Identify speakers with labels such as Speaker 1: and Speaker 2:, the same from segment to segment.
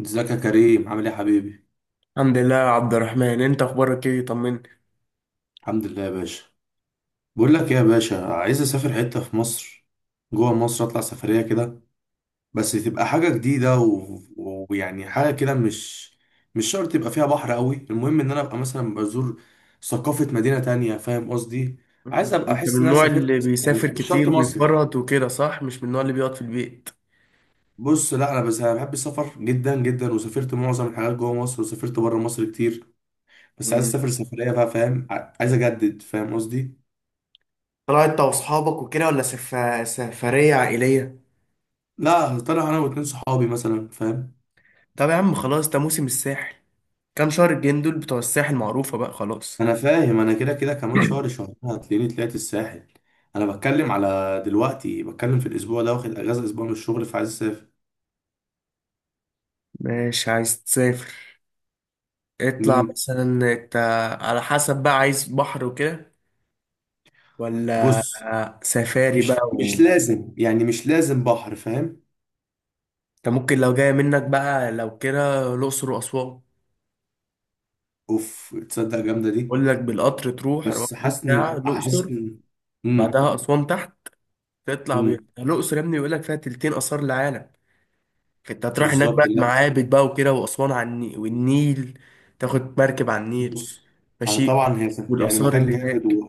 Speaker 1: ازيك يا كريم؟ عامل ايه يا حبيبي؟
Speaker 2: الحمد لله يا عبد الرحمن، انت اخبارك ايه؟ طمني.
Speaker 1: الحمد لله يا باشا. بقول لك ايه يا باشا، عايز اسافر حته في مصر، جوه مصر، اطلع سفريه كده. بس تبقى حاجه جديده ويعني حاجه كده، مش شرط يبقى فيها بحر قوي، المهم ان انا ابقى مثلا بزور ثقافه مدينه تانية. فاهم قصدي؟ عايز
Speaker 2: مم.
Speaker 1: ابقى
Speaker 2: انت من
Speaker 1: احس ان انا
Speaker 2: النوع
Speaker 1: سافرت.
Speaker 2: اللي
Speaker 1: يعني
Speaker 2: بيسافر
Speaker 1: مش شرط
Speaker 2: كتير
Speaker 1: مصيف.
Speaker 2: ويفرط وكده، صح؟ مش من النوع اللي بيقعد في البيت.
Speaker 1: بص، لا، انا بس أنا بحب السفر جدا جدا، وسافرت معظم الحاجات جوه مصر، وسافرت بره مصر كتير، بس عايز
Speaker 2: مم.
Speaker 1: اسافر سفريه بقى. فاهم؟ عايز اجدد. فاهم قصدي؟
Speaker 2: طلعت انت واصحابك وكده ولا سفرية عائلية؟
Speaker 1: لا، طلع انا واتنين صحابي مثلا. فاهم؟
Speaker 2: طب يا عم خلاص، ده موسم الساحل. كام شهر الجايين دول بتوع الساحل معروفة بقى خلاص.
Speaker 1: انا فاهم. انا كده كده كمان شهر، شهرين هتلاقيني طلعت الساحل. انا بتكلم على دلوقتي، بتكلم في الاسبوع ده، واخد اجازه اسبوع من الشغل فعايز اسافر.
Speaker 2: ماشي، عايز تسافر. اطلع
Speaker 1: امم
Speaker 2: مثلا انت، على حسب بقى، عايز بحر وكده ولا
Speaker 1: بص،
Speaker 2: سفاري بقى
Speaker 1: مش مش لازم، يعني مش لازم بحر. فاهم؟
Speaker 2: انت ممكن لو جاية منك بقى، لو كده الأقصر وأسوان.
Speaker 1: اوف، تصدق جامده دي.
Speaker 2: بقول لك بالقطر تروح
Speaker 1: بس
Speaker 2: 24
Speaker 1: حاسس ان
Speaker 2: ساعة
Speaker 1: حاسس
Speaker 2: الأقصر،
Speaker 1: ان امم
Speaker 2: بعدها أسوان تحت. تطلع
Speaker 1: امم
Speaker 2: بيها الأقصر يا ابني، بيقول لك فيها تلتين آثار العالم. فأنت هتروح هناك بقى
Speaker 1: بالظبط.
Speaker 2: معابد بقى وكده، وأسوان على النيل والنيل، تاخد مركب على النيل.
Speaker 1: بص، انا
Speaker 2: ماشي.
Speaker 1: طبعا يعني
Speaker 2: والآثار
Speaker 1: مكان
Speaker 2: اللي
Speaker 1: جامد
Speaker 2: هناك.
Speaker 1: و...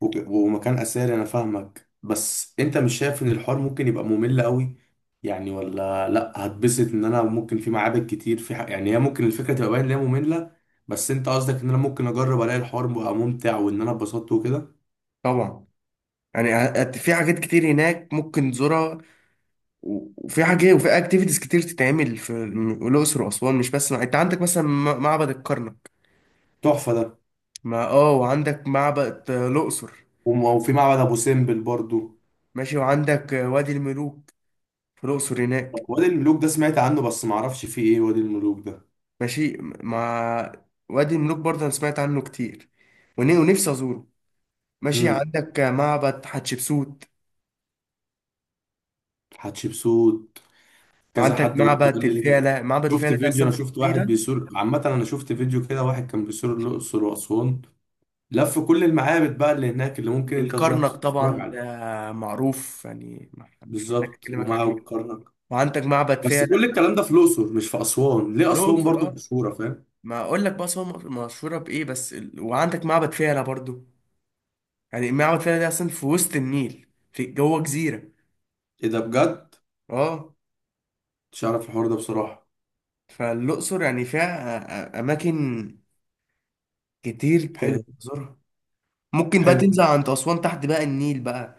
Speaker 1: و... ومكان اثري. انا فاهمك، بس انت مش شايف ان الحوار ممكن يبقى ممل قوي؟ يعني ولا لا هتبسط ان انا ممكن في معابد كتير يعني هي ممكن الفكره تبقى باين ان هي ممله. بس انت قصدك ان انا ممكن اجرب الاقي الحوار بقى ممتع، وان انا اتبسطت وكده.
Speaker 2: طبعا. يعني في حاجات كتير هناك ممكن تزورها، و- وفي حاجة وفي اكتيفيتيز كتير تتعمل في الأقصر وأسوان. مش بس انت عندك مثلا معبد الكرنك.
Speaker 1: تحفه ده.
Speaker 2: ما وعندك معبد الأقصر.
Speaker 1: وفي معبد ابو سمبل برضو.
Speaker 2: ماشي، وعندك وادي الملوك في الأقصر
Speaker 1: طب
Speaker 2: هناك.
Speaker 1: وادي الملوك ده سمعت عنه، بس معرفش فيه ايه وادي الملوك ده.
Speaker 2: ماشي. وادي الملوك برضه أنا سمعت عنه كتير، ون- ونفسي أزوره. ماشي،
Speaker 1: امم
Speaker 2: عندك معبد حتشبسوت،
Speaker 1: حتشبسوت. كذا
Speaker 2: وعندك
Speaker 1: حد برضه
Speaker 2: معبد
Speaker 1: قال لي
Speaker 2: الفيلة. معبد
Speaker 1: شفت
Speaker 2: الفيلة ده
Speaker 1: فيديو،
Speaker 2: أصلا
Speaker 1: انا
Speaker 2: في
Speaker 1: شفت
Speaker 2: جزيرة.
Speaker 1: واحد بيسور، عامة انا شفت فيديو كده، واحد كان بيسور الاقصر واسوان، لف كل المعابد بقى اللي هناك اللي ممكن انت تروح
Speaker 2: والكرنك
Speaker 1: تتفرج
Speaker 2: طبعا
Speaker 1: عليها.
Speaker 2: ده معروف، يعني مش محتاج
Speaker 1: بالظبط،
Speaker 2: أكلمك عليه.
Speaker 1: ومعه كرنك.
Speaker 2: وعندك معبد
Speaker 1: بس
Speaker 2: فيلة
Speaker 1: كل الكلام ده في الاقصر مش في اسوان،
Speaker 2: في
Speaker 1: ليه اسوان
Speaker 2: الأقصر،
Speaker 1: برضه
Speaker 2: أه.
Speaker 1: مشهوره؟ فاهم؟
Speaker 2: ما أقول لك بقى أصلا مشهورة بإيه، وعندك معبد فيلة برضه. يعني معبد فيلة ده أصلا في وسط النيل، في جوه جزيرة.
Speaker 1: ايه ده بجد؟
Speaker 2: أه.
Speaker 1: مش عارف الحوار ده بصراحة.
Speaker 2: فالأقصر يعني فيها أماكن كتير
Speaker 1: حلو.
Speaker 2: تزورها. ممكن بقى تنزل
Speaker 1: حلو.
Speaker 2: عند أسوان تحت بقى، النيل بقى.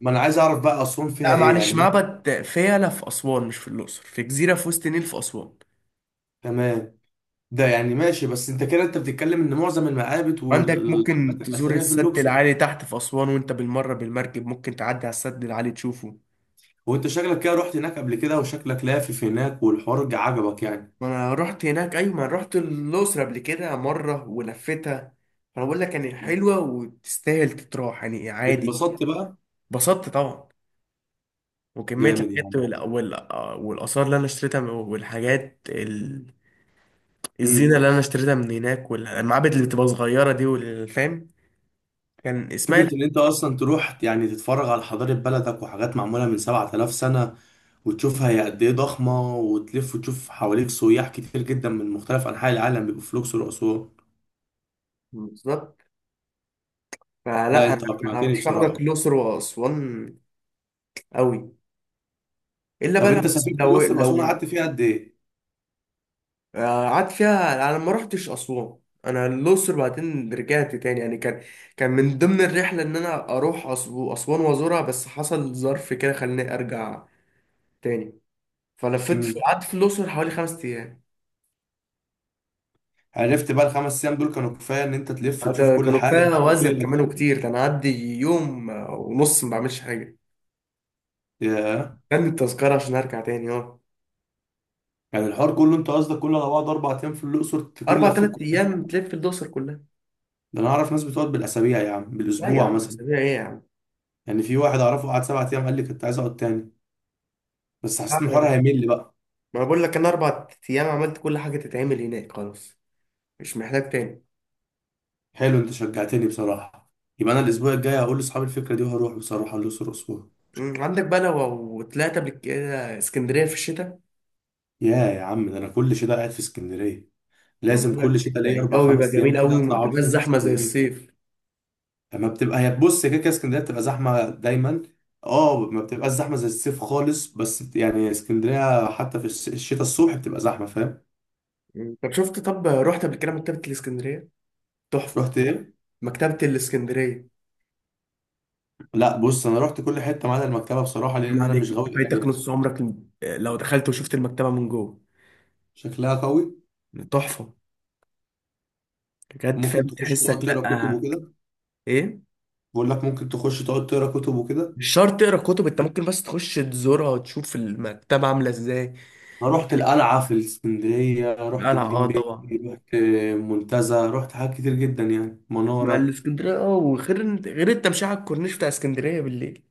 Speaker 1: ما انا عايز اعرف بقى اسوان فيها
Speaker 2: لا
Speaker 1: ايه،
Speaker 2: معلش،
Speaker 1: يعني
Speaker 2: معبد فيلة في أسوان مش في الأقصر، في جزيرة في وسط النيل في أسوان.
Speaker 1: تمام. ده يعني ماشي، بس انت كده انت بتتكلم ان معظم المعابد
Speaker 2: عندك ممكن
Speaker 1: والاماكن
Speaker 2: تزور
Speaker 1: الاثريه في
Speaker 2: السد
Speaker 1: الاقصر.
Speaker 2: العالي تحت في أسوان، وأنت بالمرة بالمركب ممكن تعدي على السد العالي تشوفه.
Speaker 1: وانت شكلك كده رحت هناك قبل كده، وشكلك لافف هناك، والحوار عجبك يعني.
Speaker 2: ما أنا رحت هناك، أيوة ما أنا رحت الأقصر قبل كده مرة ولفتها. فأنا بقول لك يعني حلوة وتستاهل تتراح يعني، عادي.
Speaker 1: اتبسطت بقى.
Speaker 2: اتبسطت طبعا. وكمية
Speaker 1: جامد
Speaker 2: الحاجات
Speaker 1: يعني.
Speaker 2: والآثار اللي أنا اشتريتها والحاجات الزينة
Speaker 1: امم
Speaker 2: اللي أنا اشتريتها من هناك، والمعابد اللي بتبقى صغيرة دي والفام. كان إسماعيل.
Speaker 1: فكرة ان انت اصلا تروح يعني تتفرج على حضارة بلدك، وحاجات معمولة من 7000 سنة، وتشوفها هي قد ايه ضخمة، وتلف وتشوف حواليك سياح كتير جدا من مختلف انحاء العالم بيبقوا في الاقصر واسوان.
Speaker 2: بالظبط،
Speaker 1: لا
Speaker 2: فلا أنا
Speaker 1: انت
Speaker 2: أنا
Speaker 1: اقنعتني
Speaker 2: هرشح لك
Speaker 1: بصراحة.
Speaker 2: الأقصر وأسوان. أوي. إلا
Speaker 1: طب
Speaker 2: بقى.
Speaker 1: انت سافرت
Speaker 2: لو
Speaker 1: الاقصر واسوان،
Speaker 2: لو
Speaker 1: قعدت فيها قد ايه؟
Speaker 2: آه، قعدت فيها أنا ما رحتش أسوان. أنا الأقصر بعدين رجعت تاني، يعني كان من ضمن الرحلة إن أنا أروح أسوان وأزورها، بس حصل ظرف كده خلاني أرجع تاني. فلفت في،
Speaker 1: امم
Speaker 2: قعدت في الأقصر حوالي 5 أيام.
Speaker 1: عرفت بقى الخمس ايام دول كانوا كفاية ان انت تلف تشوف كل
Speaker 2: كانوا
Speaker 1: حاجة
Speaker 2: كفايه
Speaker 1: وتعمل كل
Speaker 2: وزن كمان وكتير. كان عدي يوم ونص ما بعملش حاجه.
Speaker 1: الاكتيفيتي؟
Speaker 2: كان التذكره عشان ارجع تاني اه
Speaker 1: يعني الحوار كله، انت قصدك كله على بعض اربع ايام في الاقصر تكون
Speaker 2: اربع
Speaker 1: لفيت
Speaker 2: تلات
Speaker 1: كل
Speaker 2: ايام
Speaker 1: حاجة؟
Speaker 2: تلف الدوسر كلها.
Speaker 1: ده انا اعرف ناس بتقعد بالاسابيع يا عم،
Speaker 2: لا يا
Speaker 1: بالاسبوع
Speaker 2: عم،
Speaker 1: مثلا.
Speaker 2: اسابيع ايه يا عم.
Speaker 1: يعني في واحد اعرفه قعد سبع ايام قال لي كنت عايز اقعد تاني، بس
Speaker 2: لا،
Speaker 1: حسيت ان
Speaker 2: أنا-
Speaker 1: الحوار
Speaker 2: ما
Speaker 1: هيمل بقى.
Speaker 2: أنا بقول لك انا 4 ايام عملت كل حاجه تتعمل هناك، خلاص مش محتاج تاني.
Speaker 1: حلو، انت شجعتني بصراحه. يبقى انا الاسبوع الجاي هقول لاصحابي الفكره دي، وهروح بصراحه الاقصر اسبوع.
Speaker 2: عندك بقى لو طلعت قبل كده اسكندريه في الشتاء.
Speaker 1: يا عم، ده انا كل شتاء قاعد في اسكندريه.
Speaker 2: ما
Speaker 1: لازم
Speaker 2: بقول
Speaker 1: كل
Speaker 2: لك
Speaker 1: شتاء ليا اربع
Speaker 2: الجو بيبقى
Speaker 1: خمس ايام
Speaker 2: جميل
Speaker 1: كده
Speaker 2: قوي، وما
Speaker 1: اطلع اقعد
Speaker 2: بتبقاش
Speaker 1: فيهم في
Speaker 2: زحمه زي
Speaker 1: اسكندريه.
Speaker 2: الصيف.
Speaker 1: لما بتبقى هي، بص، هي كده كده اسكندريه بتبقى زحمه دايما. اه، ما بتبقاش زحمه زي الصيف خالص، بس يعني اسكندريه حتى في الشتاء الصبح بتبقى زحمه. فاهم؟
Speaker 2: طب شفت، طب رحت قبل كده مكتبه الاسكندريه؟ تحفه.
Speaker 1: رحت ايه؟
Speaker 2: مكتبه الاسكندريه.
Speaker 1: لا بص، انا رحت كل حته ما عدا المكتبه بصراحه،
Speaker 2: حرام
Speaker 1: لان انا
Speaker 2: عليك
Speaker 1: مش
Speaker 2: انت
Speaker 1: غاوي
Speaker 2: فايتك
Speaker 1: قرايه.
Speaker 2: نص عمرك، لو دخلت وشفت المكتبه من جوه.
Speaker 1: شكلها قوي.
Speaker 2: تحفه، بجد.
Speaker 1: ممكن
Speaker 2: فاهم
Speaker 1: تخش
Speaker 2: تحسك؟
Speaker 1: تقعد تقرا كتب
Speaker 2: لا.
Speaker 1: وكده.
Speaker 2: ايه؟
Speaker 1: بقول لك، ممكن تخش تقعد تقرا كتب وكده.
Speaker 2: مش شرط تقرا كتب، انت ممكن بس تخش تزورها وتشوف المكتبه عامله ازاي.
Speaker 1: انا رحت القلعه في الاسكندريه، رحت
Speaker 2: القلعه، اه
Speaker 1: جليم بيه،
Speaker 2: طبعا.
Speaker 1: رحت منتزه، رحت حاجات كتير جدا، يعني
Speaker 2: مع
Speaker 1: مناره.
Speaker 2: الاسكندريه، اه. وغير غير التمشيه على الكورنيش بتاع اسكندريه بالليل.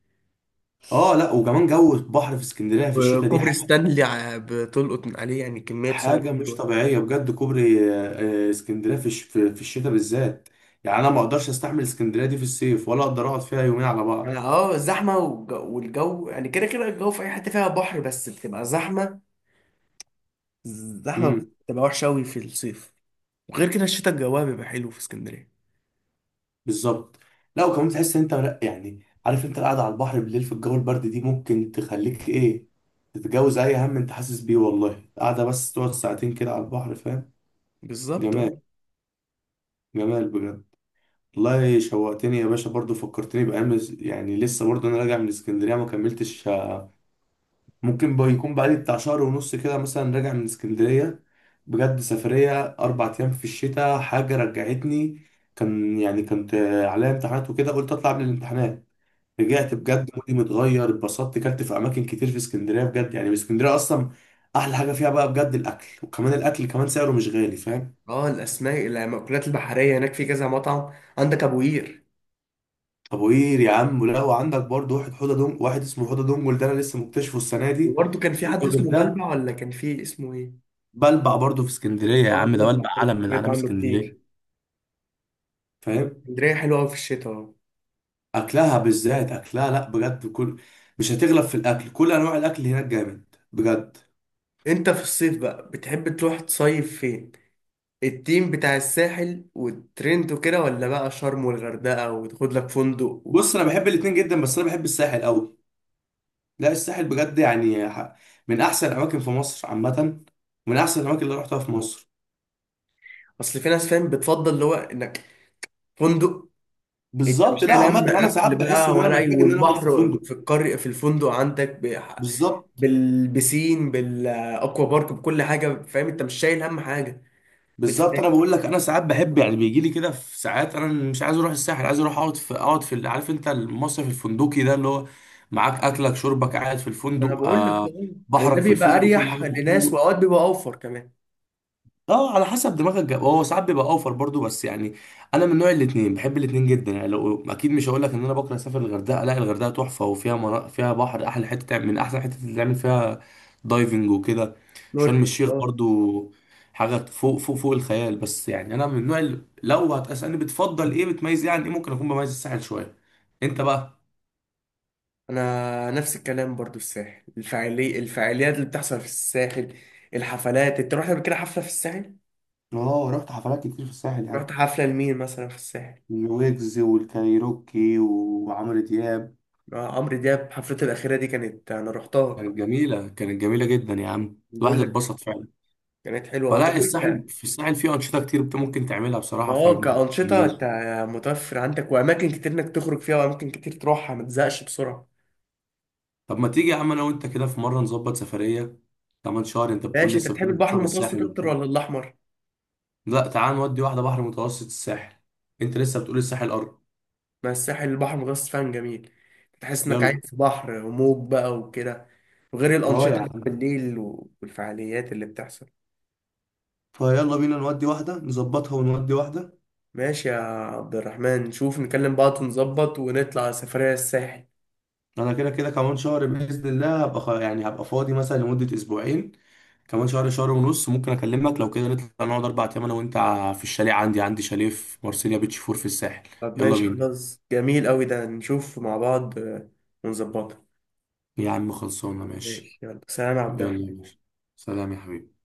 Speaker 1: اه، لا، وكمان جو البحر في اسكندريه في الشتاء دي
Speaker 2: وكوبري ستانلي بتلقط من عليه يعني كميه صور
Speaker 1: حاجة مش
Speaker 2: حلوه.
Speaker 1: طبيعية بجد. كوبري اسكندرية في في الشتاء بالذات. يعني أنا ما أقدرش أستحمل اسكندرية دي في الصيف، ولا أقدر أقعد فيها يومين على
Speaker 2: يعني
Speaker 1: بعض.
Speaker 2: الزحمه والجو يعني، كده كده الجو في اي حته فيها بحر بس بتبقى زحمه زحمه.
Speaker 1: امم
Speaker 2: بتبقى وحشه قوي في الصيف. وغير كده الشتاء الجوها بيبقى حلو في اسكندرية.
Speaker 1: بالظبط. لا، وكمان تحس إن أنت، لا يعني، عارف أنت القعدة على البحر بالليل في الجو البرد دي ممكن تخليك إيه، تتجاوز أي هم أنت حاسس بيه. والله قاعدة بس تقعد ساعتين كده على البحر، فاهم؟
Speaker 2: بالظبط، اه.
Speaker 1: جمال. جمال بجد. والله شوقتني يا باشا برضو، فكرتني بأيام. يعني لسه برضو أنا راجع من اسكندرية ما كملتش، ممكن بقى يكون بقالي بتاع شهر ونص كده مثلا راجع من اسكندرية. بجد سفرية أربع أيام في الشتاء، حاجة رجعتني. كان يعني كنت عليا امتحانات وكده، قلت أطلع قبل الامتحانات.
Speaker 2: مم.
Speaker 1: رجعت بجد مودي متغير، اتبسطت، كلت في أماكن كتير في اسكندرية. بجد يعني اسكندرية أصلا أحلى حاجة فيها بقى بجد الأكل، وكمان الأكل كمان سعره مش غالي. فاهم؟
Speaker 2: اه الأسماك المأكولات البحرية هناك، في كذا مطعم عندك أبو قير.
Speaker 1: أبو قير يا عم، لا، وعندك برضه واحد حوضة دونج، واحد اسمه حوضة دونجل، ده أنا لسه مكتشفه السنة دي.
Speaker 2: وبرضه كان في حد
Speaker 1: الراجل
Speaker 2: اسمه
Speaker 1: ده.
Speaker 2: بلبع، ولا كان في اسمه إيه؟
Speaker 1: بلبع برضه في اسكندرية يا
Speaker 2: اه،
Speaker 1: عم، ده
Speaker 2: بلبع
Speaker 1: بلبع
Speaker 2: برضه
Speaker 1: علم من
Speaker 2: سمعت
Speaker 1: أعلام
Speaker 2: عنه
Speaker 1: اسكندرية.
Speaker 2: كتير. مم.
Speaker 1: فاهم؟
Speaker 2: اسكندرية حلوة أوي في الشتاء، اه.
Speaker 1: اكلها بالذات اكلها، لا بجد، كل، مش هتغلب في الاكل، كل انواع الاكل هناك جامد بجد.
Speaker 2: أنت في الصيف بقى بتحب تروح تصيف فين؟ التيم بتاع الساحل والترند وكده، ولا بقى شرم والغردقة وتاخد لك فندق.
Speaker 1: بص، انا بحب الاتنين جدا، بس انا بحب الساحل قوي. لا الساحل بجد، يعني من احسن الاماكن في مصر عامه، من احسن الاماكن اللي رحتها في مصر.
Speaker 2: أصل في ناس فاهم بتفضل اللي هو إنك فندق. انت
Speaker 1: بالظبط.
Speaker 2: مش
Speaker 1: لا
Speaker 2: شايل
Speaker 1: عامه
Speaker 2: هم
Speaker 1: انا ساعات
Speaker 2: اكل
Speaker 1: بحس
Speaker 2: بقى
Speaker 1: ان انا
Speaker 2: ولا اي،
Speaker 1: محتاج ان انا اقعد في
Speaker 2: والبحر
Speaker 1: فندق.
Speaker 2: في القرية في الفندق عندك
Speaker 1: بالظبط.
Speaker 2: بالبسين بالاكوا بارك بكل حاجه، فاهم انت مش شايل هم حاجه في
Speaker 1: بالظبط.
Speaker 2: الفنادق.
Speaker 1: انا بقول لك، انا ساعات بحب، يعني بيجي لي كده في ساعات انا مش عايز اروح الساحل، عايز اروح اقعد في، اقعد في عارف انت المصيف الفندقي ده، اللي هو معاك اكلك شربك، قاعد في
Speaker 2: انا
Speaker 1: الفندق،
Speaker 2: بقول لك
Speaker 1: آه.
Speaker 2: اه. يعني ده
Speaker 1: بحرك في
Speaker 2: بيبقى
Speaker 1: الفندق، كل
Speaker 2: اريح
Speaker 1: حاجه في
Speaker 2: لناس،
Speaker 1: الفندق.
Speaker 2: واوقات بيبقى اوفر كمان.
Speaker 1: اه، على حسب دماغك جاب، هو ساعات بيبقى اوفر برضو، بس يعني انا من نوع الاتنين، بحب الاتنين جدا. يعني لو، اكيد مش هقول لك ان انا بكره اسافر الغردقه، لا الغردقه تحفه، وفيها فيها بحر احلى حته تعمل، من احسن حته اللي تعمل فيها دايفنج وكده. شرم
Speaker 2: نوركلينج،
Speaker 1: الشيخ
Speaker 2: اه.
Speaker 1: برضو حاجه فوق فوق فوق الخيال. بس يعني انا من نوع لو هتسالني بتفضل ايه، بتميز ايه عن ايه، ممكن اكون بميز الساحل شويه. انت بقى.
Speaker 2: انا نفس الكلام برضو، الساحل الفعاليات اللي بتحصل في الساحل، الحفلات. انت رحت قبل كده حفله في الساحل؟
Speaker 1: اه، رحت حفلات كتير في الساحل يا
Speaker 2: رحت
Speaker 1: عم،
Speaker 2: حفله لمين مثلا في الساحل؟
Speaker 1: الويجز والكايروكي وعمرو دياب.
Speaker 2: عمرو دياب حفلته الاخيره دي كانت انا رحتها.
Speaker 1: كانت جميلة، كانت جميلة جدا يا عم، الواحد
Speaker 2: بقول لك
Speaker 1: اتبسط فعلا.
Speaker 2: كانت حلوه، طب.
Speaker 1: فلا الساحل، في الساحل فيه أنشطة كتير ممكن تعملها بصراحة في
Speaker 2: اه كأنشطة
Speaker 1: الجميز.
Speaker 2: انت متوفر عندك، وأماكن كتير إنك تخرج فيها وأماكن كتير تروحها ما تزهقش بسرعة.
Speaker 1: طب ما تيجي يا عم أنا وأنت كده في مرة نظبط سفرية كمان شهر؟ أنت بتقول
Speaker 2: ماشي. أنت
Speaker 1: لسه،
Speaker 2: بتحب
Speaker 1: بتقول
Speaker 2: البحر
Speaker 1: بتروح
Speaker 2: المتوسط
Speaker 1: الساحل
Speaker 2: أكتر
Speaker 1: وبتاع.
Speaker 2: ولا الأحمر؟
Speaker 1: لا، تعال نودي واحدة بحر متوسط الساحل. أنت لسه بتقول الساحل أرض.
Speaker 2: ما الساحل البحر المتوسط فعلا جميل، تحس إنك
Speaker 1: يلا.
Speaker 2: عايز في بحر وموج بقى وكده. وغير
Speaker 1: أه يا
Speaker 2: الأنشطة بقى
Speaker 1: عم.
Speaker 2: بالليل والفعاليات اللي بتحصل.
Speaker 1: فيلا بينا نودي واحدة، نظبطها ونودي واحدة.
Speaker 2: ماشي يا عبد الرحمن، نشوف نكلم بعض ونظبط ونطلع سفرية الساحل.
Speaker 1: أنا كده كده كمان شهر بإذن الله هبقى يعني هبقى فاضي مثلا لمدة أسبوعين. كمان شهر، شهر ونص، ممكن اكلمك لو كده نطلع نقعد اربع ايام انا وانت، في الشاليه، عندي عندي شاليه في مارسيليا بيتش فور في الساحل.
Speaker 2: طب
Speaker 1: يلا
Speaker 2: ماشي،
Speaker 1: بينا
Speaker 2: خلاص جميل أوي ده، نشوف مع بعض ونظبطها.
Speaker 1: يا عم، خلصانه، ماشي.
Speaker 2: ماشي يلا، سلام يا عبد
Speaker 1: يلا يا
Speaker 2: الرحمن.
Speaker 1: باشا، سلام يا حبيبي.